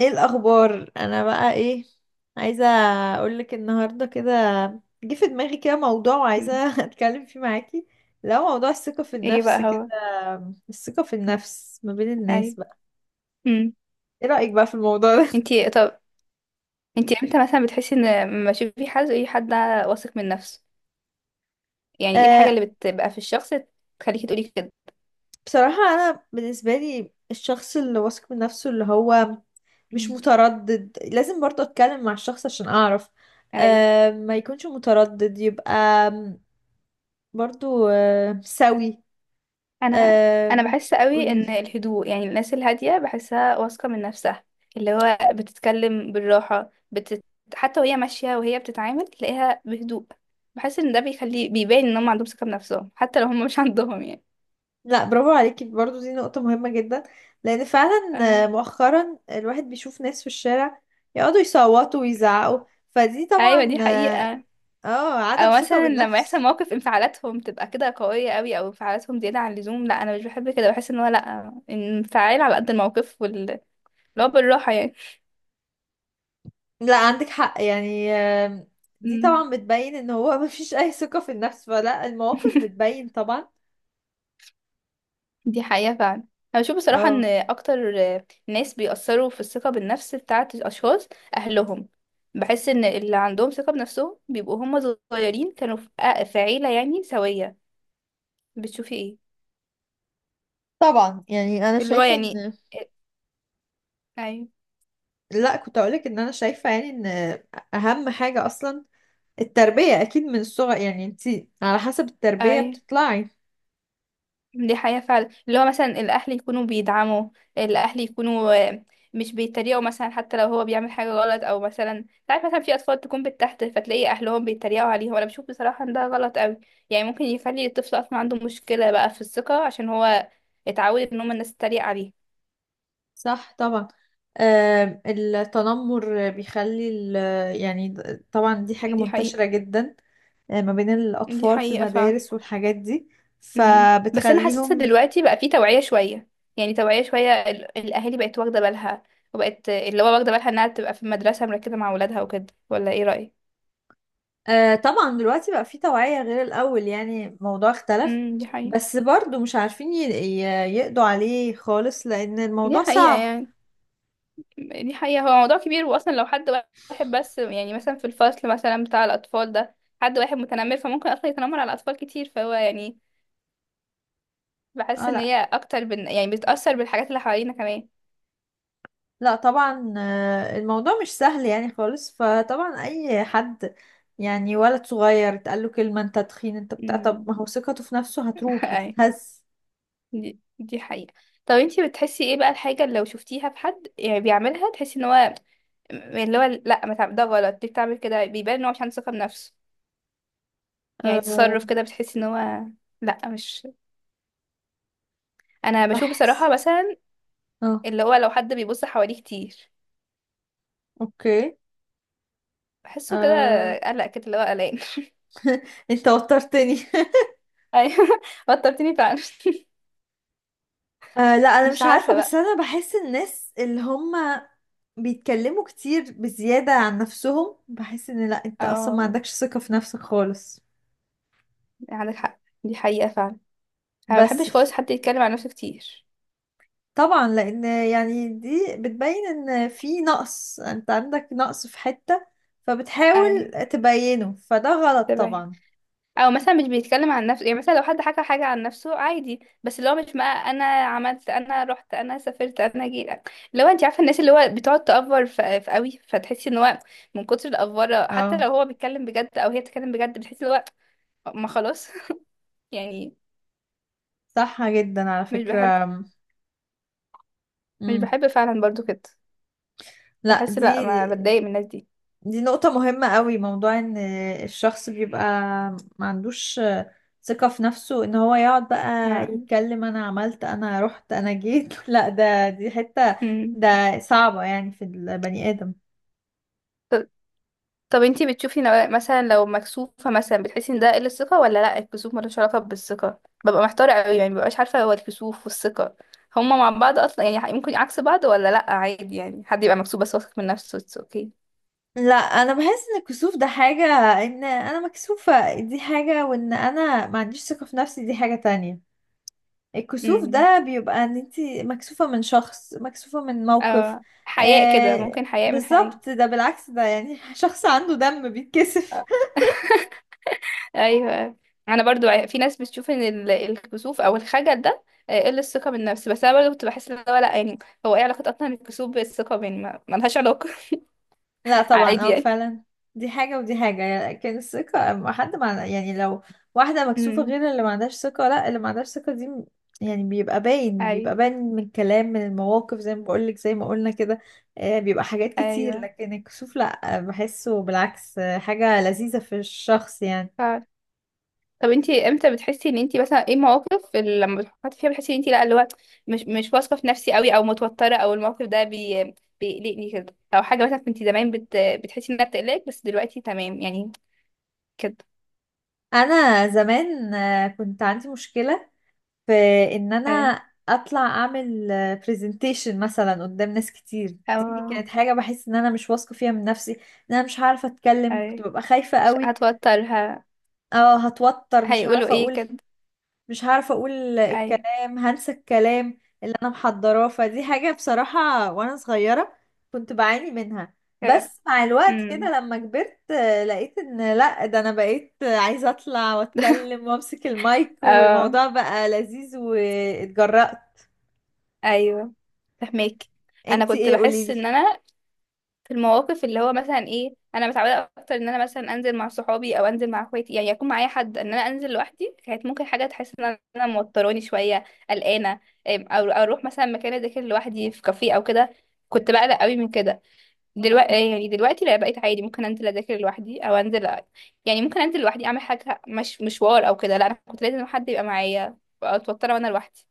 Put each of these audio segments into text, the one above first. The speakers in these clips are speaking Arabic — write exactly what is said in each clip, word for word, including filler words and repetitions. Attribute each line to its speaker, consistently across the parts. Speaker 1: ايه الاخبار؟ انا بقى ايه عايزه اقولك النهارده كده. جه في دماغي كده موضوع وعايزه
Speaker 2: مم.
Speaker 1: اتكلم فيه معاكي. لو موضوع الثقه في
Speaker 2: ايه بقى
Speaker 1: النفس كده،
Speaker 2: هو؟
Speaker 1: الثقه في النفس ما بين الناس
Speaker 2: ايوه.
Speaker 1: بقى.
Speaker 2: امم.
Speaker 1: ايه رايك بقى في الموضوع ده؟
Speaker 2: انتي طب انتي امتى مثلا بتحسي ان لما تشوفي حد، اي حد واثق من نفسه، يعني ايه الحاجه
Speaker 1: آه،
Speaker 2: اللي بتبقى في الشخص تخليكي تقولي كده؟
Speaker 1: بصراحه انا بالنسبه لي الشخص اللي واثق من نفسه اللي هو مش
Speaker 2: مم.
Speaker 1: متردد. لازم برضه اتكلم مع الشخص عشان اعرف.
Speaker 2: ايوه.
Speaker 1: آه ما يكونش متردد، يبقى برضه آه سوي.
Speaker 2: انا انا
Speaker 1: آه،
Speaker 2: بحس قوي
Speaker 1: قولي.
Speaker 2: ان الهدوء، يعني الناس الهاديه بحسها واثقه من نفسها، اللي هو بتتكلم بالراحه بتت... حتى وهي ماشيه وهي بتتعامل تلاقيها بهدوء. بحس ان ده بيخلي، بيبان ان هم عندهم ثقه بنفسهم حتى لو هم مش عندهم يعني.
Speaker 1: لا، برافو عليكي، برضو دي نقطة مهمة جدا لأن فعلا،
Speaker 2: اه.
Speaker 1: آه، مؤخرا الواحد بيشوف ناس في الشارع يقعدوا يصوتوا ويزعقوا، فدي
Speaker 2: ايوه،
Speaker 1: طبعا
Speaker 2: دي
Speaker 1: اه،
Speaker 2: حقيقه.
Speaker 1: آه، عدم
Speaker 2: او
Speaker 1: ثقة
Speaker 2: مثلا لما
Speaker 1: بالنفس.
Speaker 2: يحصل موقف انفعالاتهم تبقى كده قوية قوي، او انفعالاتهم زيادة عن اللزوم، لا انا مش بحب كده. بحس ان هو لا، انفعال على قد الموقف، وال اللي هو بالراحة يعني.
Speaker 1: لا، عندك حق يعني، آم، دي
Speaker 2: مم.
Speaker 1: طبعا بتبين ان هو مفيش أي ثقة في النفس، فلا المواقف بتبين طبعا.
Speaker 2: دي حقيقة فعلا. انا بشوف بصراحة ان
Speaker 1: اه،
Speaker 2: اكتر ناس بيأثروا في الثقة بالنفس بتاعة الاشخاص اهلهم. بحس ان اللي عندهم ثقة بنفسهم بيبقوا هم صغيرين، كانوا في في عيلة يعني سوية. بتشوفي ايه؟
Speaker 1: طبعا يعني انا
Speaker 2: اللي هو
Speaker 1: شايفة
Speaker 2: يعني،
Speaker 1: ان،
Speaker 2: اي.
Speaker 1: لا كنت اقولك ان انا شايفة يعني ان اهم حاجة اصلا التربية، اكيد من الصغر. يعني انتي على حسب التربية
Speaker 2: اي،
Speaker 1: بتطلعي.
Speaker 2: دي حقيقة فعلا. اللي هو مثلا الأهل يكونوا بيدعموا، الأهل يكونوا آه، مش بيتريقوا مثلا حتى لو هو بيعمل حاجة غلط، أو مثلا تعرف مثلا في أطفال تكون بالتحت فتلاقي أهلهم بيتريقوا عليهم. أنا بشوف بصراحة إن ده غلط أوي. يعني ممكن يخلي الطفل أصلا عنده مشكلة بقى في الثقة، عشان هو اتعود إن هما الناس تتريق عليه.
Speaker 1: صح طبعا. آم، التنمر بيخلي ال- يعني د- طبعا دي حاجة
Speaker 2: دي
Speaker 1: منتشرة
Speaker 2: حقيقة.
Speaker 1: جدا، آه، ما بين
Speaker 2: دي
Speaker 1: الأطفال في
Speaker 2: حقيقة فعلا.
Speaker 1: المدارس والحاجات دي
Speaker 2: مم. بس أنا حاسة
Speaker 1: فبتخليهم.
Speaker 2: دلوقتي بقى في توعية شوية، يعني توعية شوية، ال- الأهالي بقت واخدة بالها، وبقت اللي هو واخدة بالها إنها تبقى في المدرسة مركزة مع ولادها وكده، ولا إيه رأيك؟
Speaker 1: آه، طبعا دلوقتي بقى في توعية غير الأول، يعني الموضوع اختلف.
Speaker 2: امم، دي حقيقة.
Speaker 1: بس برضو مش عارفين ي- ي- يقضوا عليه خالص لأن
Speaker 2: دي
Speaker 1: الموضوع
Speaker 2: حقيقة
Speaker 1: صعب.
Speaker 2: يعني. دي حقيقة. هو موضوع كبير. واصلا لو حد واحد بس يعني مثلا في الفصل مثلا بتاع الاطفال ده، حد واحد متنمر فممكن اصلا يتنمر على اطفال كتير، فهو يعني بحس
Speaker 1: اه،
Speaker 2: ان
Speaker 1: لا
Speaker 2: هي اكتر بن... يعني بتأثر بالحاجات اللي حوالينا كمان.
Speaker 1: لا طبعا، آه، الموضوع مش سهل يعني خالص. فطبعا اي حد، يعني ولد صغير اتقال له كلمة انت تخين انت بتاع، طب
Speaker 2: امم.
Speaker 1: ما هو ثقته في نفسه هتروح
Speaker 2: اي.
Speaker 1: هتتهز.
Speaker 2: دي... دي حقيقة. طب انتي بتحسي ايه بقى الحاجة اللي لو شفتيها في حد يعني بيعملها، تحسي ان هو اللي هو لا، ما تعمل- ده غلط، ليه بتعمل كده؟ بيبان ان هو مش عنده ثقة بنفسه. يعني
Speaker 1: أه،
Speaker 2: تصرف كده بتحسي ان هو لا، مش. انا بشوف
Speaker 1: بحس،
Speaker 2: بصراحة مثلا
Speaker 1: اه،
Speaker 2: اللي هو لو حد بيبص حواليه كتير
Speaker 1: اوكي،
Speaker 2: بحسه كده،
Speaker 1: أه،
Speaker 2: قلق كده اللي هو قلقان.
Speaker 1: انت وترتني.
Speaker 2: ايوه، وترتيني فعلا.
Speaker 1: أه، لا انا
Speaker 2: مش
Speaker 1: مش عارفة
Speaker 2: عارفه
Speaker 1: بس
Speaker 2: بقى.
Speaker 1: انا بحس الناس اللي هم بيتكلموا كتير بزيادة عن نفسهم، بحس ان لا انت اصلا ما
Speaker 2: اه،
Speaker 1: عندكش ثقة في نفسك خالص.
Speaker 2: عندك حق، دي حقيقه فعلا. انا ما
Speaker 1: بس
Speaker 2: بحبش خالص حد يتكلم عن نفسه كتير.
Speaker 1: طبعا، لان يعني دي بتبين ان في نقص. انت عندك نقص في حتة فبتحاول
Speaker 2: اي.
Speaker 1: تبينه، فده غلط
Speaker 2: تمام.
Speaker 1: طبعا.
Speaker 2: او مثلا مش بيتكلم عن نفسه، يعني مثلا لو حد حكى حاجه عن نفسه عادي بس اللي هو مش بقى انا عملت انا رحت انا سافرت انا جيت، اللي هو انت عارفه الناس اللي هو بتقعد تأفور في في قوي، فتحسي ان هو من كتر الأفورة حتى
Speaker 1: اه،
Speaker 2: لو هو بيتكلم بجد او هي بتتكلم بجد، بتحسي اللي هو ما خلاص. يعني
Speaker 1: صح جدا على
Speaker 2: مش بحب.
Speaker 1: فكرة.
Speaker 2: مش
Speaker 1: مم.
Speaker 2: بحب فعلا برضو كده.
Speaker 1: لا،
Speaker 2: بحس
Speaker 1: دي
Speaker 2: لا، ما بتضايق من الناس دي.
Speaker 1: دي نقطة مهمة قوي، موضوع ان الشخص بيبقى ما عندوش ثقة في نفسه ان هو يقعد بقى
Speaker 2: ما.
Speaker 1: يتكلم انا عملت انا رحت انا جيت. لا، ده دي حتة
Speaker 2: مم.
Speaker 1: ده صعبة يعني في البني آدم.
Speaker 2: ط- طب انتي بتشوفي نوع- مثلا لو مكسوفة مثلا بتحسي ان ده قلة ثقة ولا لا؟ الكسوف ملوش علاقة بالثقة؟ ببقى محتارة قوي، يعني مببقاش عارفة هو الكسوف والثقة هما مع بعض اصلا، يعني ممكن عكس بعض ولا لا، عادي يعني حد يبقى مكسوف بس واثق من نفسه اتس اوكي.
Speaker 1: لا، انا بحس ان الكسوف ده حاجة. ان انا مكسوفة دي حاجة، وان انا ما عنديش ثقة في نفسي دي حاجة تانية. الكسوف
Speaker 2: امم.
Speaker 1: ده بيبقى ان انتي مكسوفة من شخص، مكسوفة من موقف.
Speaker 2: اه، حياء كده،
Speaker 1: آه،
Speaker 2: ممكن حياء من حاجة.
Speaker 1: بالظبط، ده بالعكس ده يعني شخص عنده دم بيتكسف.
Speaker 2: ايوه، أيوة. انا برضو ع- في ناس بتشوف ان ال- الكسوف او الخجل ده آه، قل الثقه بالنفس، بس انا برضو كنت بحس ان هو لا يعني، هو ايه علاقه اصلا الكسوف بالثقه يعني، ما ما لهاش علاقه.
Speaker 1: لا طبعا،
Speaker 2: عادي
Speaker 1: اه
Speaker 2: يعني.
Speaker 1: فعلا، دي حاجة ودي حاجة. لكن الثقة ما حد مع، يعني لو واحدة مكسوفة
Speaker 2: امم.
Speaker 1: غير اللي ما عندهاش ثقة. لا، اللي ما عندهاش ثقة دي م- يعني بيبقى باين،
Speaker 2: ايوه.
Speaker 1: بيبقى باين من الكلام من المواقف، زي ما بقولك زي ما قلنا كده. آه، بيبقى حاجات كتير،
Speaker 2: ايوه.
Speaker 1: لكن الكسوف لا، آه، بحسه بالعكس، آه، حاجة لذيذة في الشخص يعني.
Speaker 2: ف... طب انتي امتى بتحسي ان انتي مثلا ايه مواقف اللي لما بتحطي فيها بتحسي ان انتي لا اللي هو مش مش واثقه في نفسي قوي او متوتره، او الموقف ده بي... بيقلقني كده، او حاجه مثلا كنتي زمان بت... بتحسي انها بتقلقك بس دلوقتي تمام يعني، كده.
Speaker 1: أنا زمان، آه، كنت عندي مشكلة في ان انا
Speaker 2: اي،
Speaker 1: اطلع اعمل برزنتيشن مثلا قدام ناس كتير. دي
Speaker 2: او
Speaker 1: كانت حاجة بحس ان انا مش واثقة فيها من نفسي، ان انا مش عارفة اتكلم. كنت
Speaker 2: اي،
Speaker 1: ببقى خايفة
Speaker 2: مش
Speaker 1: قوي.
Speaker 2: هتوترها،
Speaker 1: اه، هتوتر، مش
Speaker 2: هيقولوا
Speaker 1: عارفة
Speaker 2: ايه
Speaker 1: اقول،
Speaker 2: كده.
Speaker 1: مش عارفة اقول
Speaker 2: ايوه.
Speaker 1: الكلام، هنسى الكلام اللي انا محضراه. فدي حاجة بصراحة وانا صغيرة كنت بعاني منها.
Speaker 2: آه.
Speaker 1: بس مع الوقت
Speaker 2: امم.
Speaker 1: كده لما كبرت، آه، لقيت ان لا، ده انا بقيت عايزة اطلع واتكلم وامسك المايك،
Speaker 2: اه.
Speaker 1: والموضوع بقى لذيذ واتجرأت.
Speaker 2: ايوه. فهمك. انا
Speaker 1: انت
Speaker 2: كنت
Speaker 1: ايه،
Speaker 2: بحس
Speaker 1: قوليلي.
Speaker 2: ان انا في المواقف اللي هو مثلا ايه، انا متعوده اكتر ان انا مثلا انزل مع صحابي او انزل مع اخواتي، يعني يكون معايا حد، ان انا انزل لوحدي كانت ممكن حاجه تحس ان انا موتراني شويه، قلقانه. أم، او أو اروح مثلا مكان اذاكر لوحدي في كافيه او كده، كنت بقلق قوي من كده. دلوقتي يعني دلوقتي لا، بقيت عادي. ممكن انزل اذاكر لوحدي او انزل أ- يعني ممكن انزل لوحدي اعمل حاجه، مش مشوار او كده، لا انا كنت لازم حد يبقى معايا، اتوتر وانا لوحدي.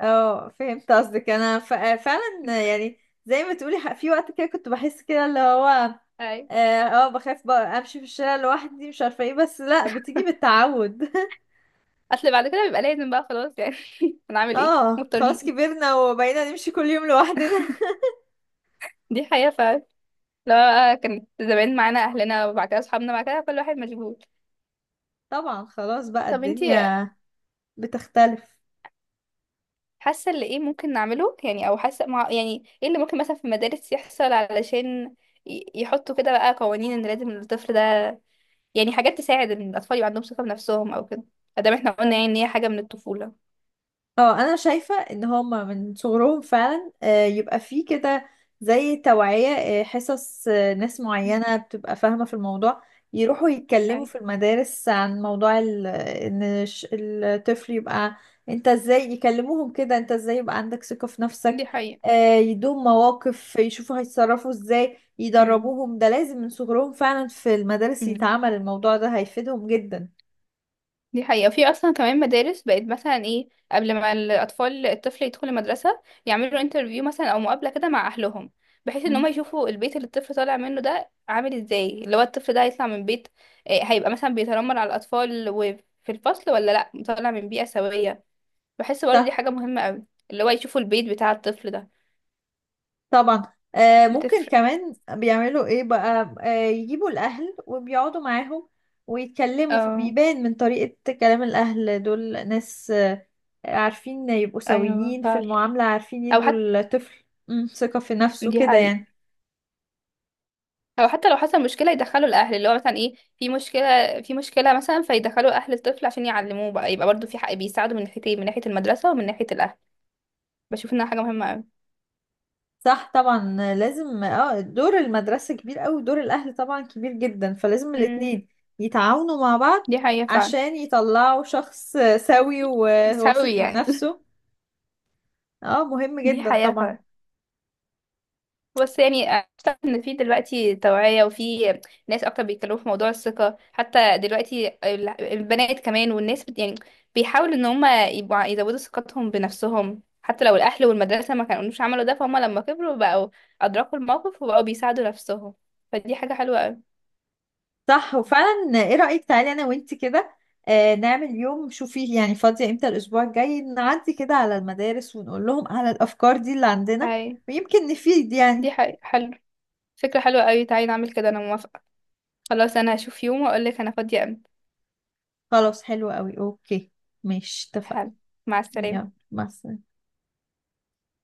Speaker 1: اه، فهمت قصدك. انا ف- فعلا يعني، زي ما تقولي، ح- في وقت كده كنت بحس كده اللي هو،
Speaker 2: اي،
Speaker 1: اه، آه، بخاف بقى امشي في الشارع لوحدي مش عارفه ايه، بس لا بتيجي بالتعود.
Speaker 2: اصل بعد كده بيبقى لازم بقى خلاص يعني. هنعمل ايه،
Speaker 1: اه، خلاص
Speaker 2: مضطرين.
Speaker 1: كبرنا وبقينا نمشي كل يوم لوحدنا.
Speaker 2: دي حقيقه فعلا. لا، كانت زمان معانا اهلنا، وبعد كده اصحابنا، بعد كده كل واحد مشغول.
Speaker 1: طبعا خلاص، بقى
Speaker 2: طب انتي
Speaker 1: الدنيا بتختلف.
Speaker 2: حاسه اللي ايه ممكن نعمله يعني، او حاسه مع يعني، ايه اللي ممكن مثلا في المدارس يحصل علشان ي- يحطوا كده بقى قوانين ان لازم الطفل ده، يعني حاجات تساعد ان الاطفال يبقى عندهم ثقه بنفسهم او كده، ادام احنا قلنا يعني ان هي حاجه من الطفوله.
Speaker 1: اه، انا شايفة ان هما من صغرهم فعلا، آه، يبقى فيه كده زي توعية، آه، حصص، آه، ناس معينة بتبقى فاهمة في الموضوع يروحوا يتكلموا
Speaker 2: اي،
Speaker 1: في المدارس عن موضوع ال- ان الش- الطفل يبقى انت ازاي، يكلموهم كده انت ازاي يبقى عندك ثقة في نفسك.
Speaker 2: دي حقيقة.
Speaker 1: آه، يدوم مواقف يشوفوا هيتصرفوا ازاي،
Speaker 2: امم.
Speaker 1: يدربوهم. ده لازم من صغرهم فعلا في المدارس
Speaker 2: امم.
Speaker 1: يتعمل الموضوع ده، هيفيدهم جدا.
Speaker 2: دي حقيقة. في أصلا كمان مدارس بقت مثلا إيه قبل ما الأطفال الطفل يدخل المدرسة، يعملوا انترفيو مثلا أو مقابلة كده مع أهلهم، بحيث إن هما
Speaker 1: مم.
Speaker 2: يشوفوا البيت اللي الطفل طالع منه ده عامل إزاي، اللي هو الطفل ده هيطلع من بيت إيه، هيبقى مثلا بيتنمر على الأطفال وفي الفصل، ولا لأ طالع من بيئة سوية. بحس برضه دي حاجة مهمة أوي، اللي هو يشوفوا البيت بتاع الطفل ده.
Speaker 1: طبعا، آه ممكن كمان بيعملوا ايه بقى، آه يجيبوا الاهل وبيقعدوا معاهم ويتكلموا،
Speaker 2: بتفرق.
Speaker 1: فبيبان من طريقة كلام الاهل دول ناس آه عارفين يبقوا
Speaker 2: ايوه
Speaker 1: سويين في
Speaker 2: فعلا.
Speaker 1: المعاملة، عارفين
Speaker 2: او
Speaker 1: يدوا
Speaker 2: حتى،
Speaker 1: الطفل، مم، ثقة في نفسه
Speaker 2: دي
Speaker 1: كده
Speaker 2: حقيقة.
Speaker 1: يعني.
Speaker 2: او حتى لو حصل مشكله يدخلوا الاهل، اللي هو مثلا ايه في مشكله، في مشكله مثلا فيدخلوا اهل الطفل عشان يعلموه بقى، يبقى برضو في حق بيساعدوا من ناحيتين، من ناحيه المدرسه ومن ناحيه الاهل. بشوف انها حاجه مهمه قوي.
Speaker 1: صح طبعا، آه، لازم اه دور المدرسة كبير قوي، دور الاهل طبعا كبير جدا، فلازم
Speaker 2: امم.
Speaker 1: الاتنين يتعاونوا مع بعض
Speaker 2: دي حقيقه فعلا.
Speaker 1: عشان يطلعوا شخص آه، سوي وواثق
Speaker 2: سوي
Speaker 1: من
Speaker 2: يعني.
Speaker 1: نفسه. اه، مهم
Speaker 2: دي
Speaker 1: جدا
Speaker 2: حقيقه
Speaker 1: طبعا.
Speaker 2: فعلا. بس يعني اعتقد ان في دلوقتي توعية، وفي ناس اكتر بيتكلموا في موضوع الثقة، حتى دلوقتي ال- البنات كمان والناس بت يعني بيحاولوا ان هم يبقوا ع- يزودوا ثقتهم بنفسهم، حتى لو الاهل والمدرسة ما كانوش عملوا ده فهم لما كبروا بقوا ادركوا الموقف وبقوا بيساعدوا نفسهم. فدي حاجة حلوة قوي.
Speaker 1: صح، وفعلا ايه رأيك، تعالي انا وانتي كده، آه نعمل يوم، شوفي يعني فاضية امتى الاسبوع الجاي، نعدي كده على المدارس ونقول لهم على الافكار دي اللي عندنا
Speaker 2: اي،
Speaker 1: ويمكن نفيد
Speaker 2: دي
Speaker 1: يعني.
Speaker 2: حاجة حلو. فكرة حلوة قوي، تعالي نعمل كده، انا موافقة. خلاص انا هشوف يوم واقول لك انا فاضية امتى.
Speaker 1: خلاص، حلو قوي، اوكي. ماشي، اتفقنا.
Speaker 2: حلو. مع السلامة.
Speaker 1: يلا، مع السلامة.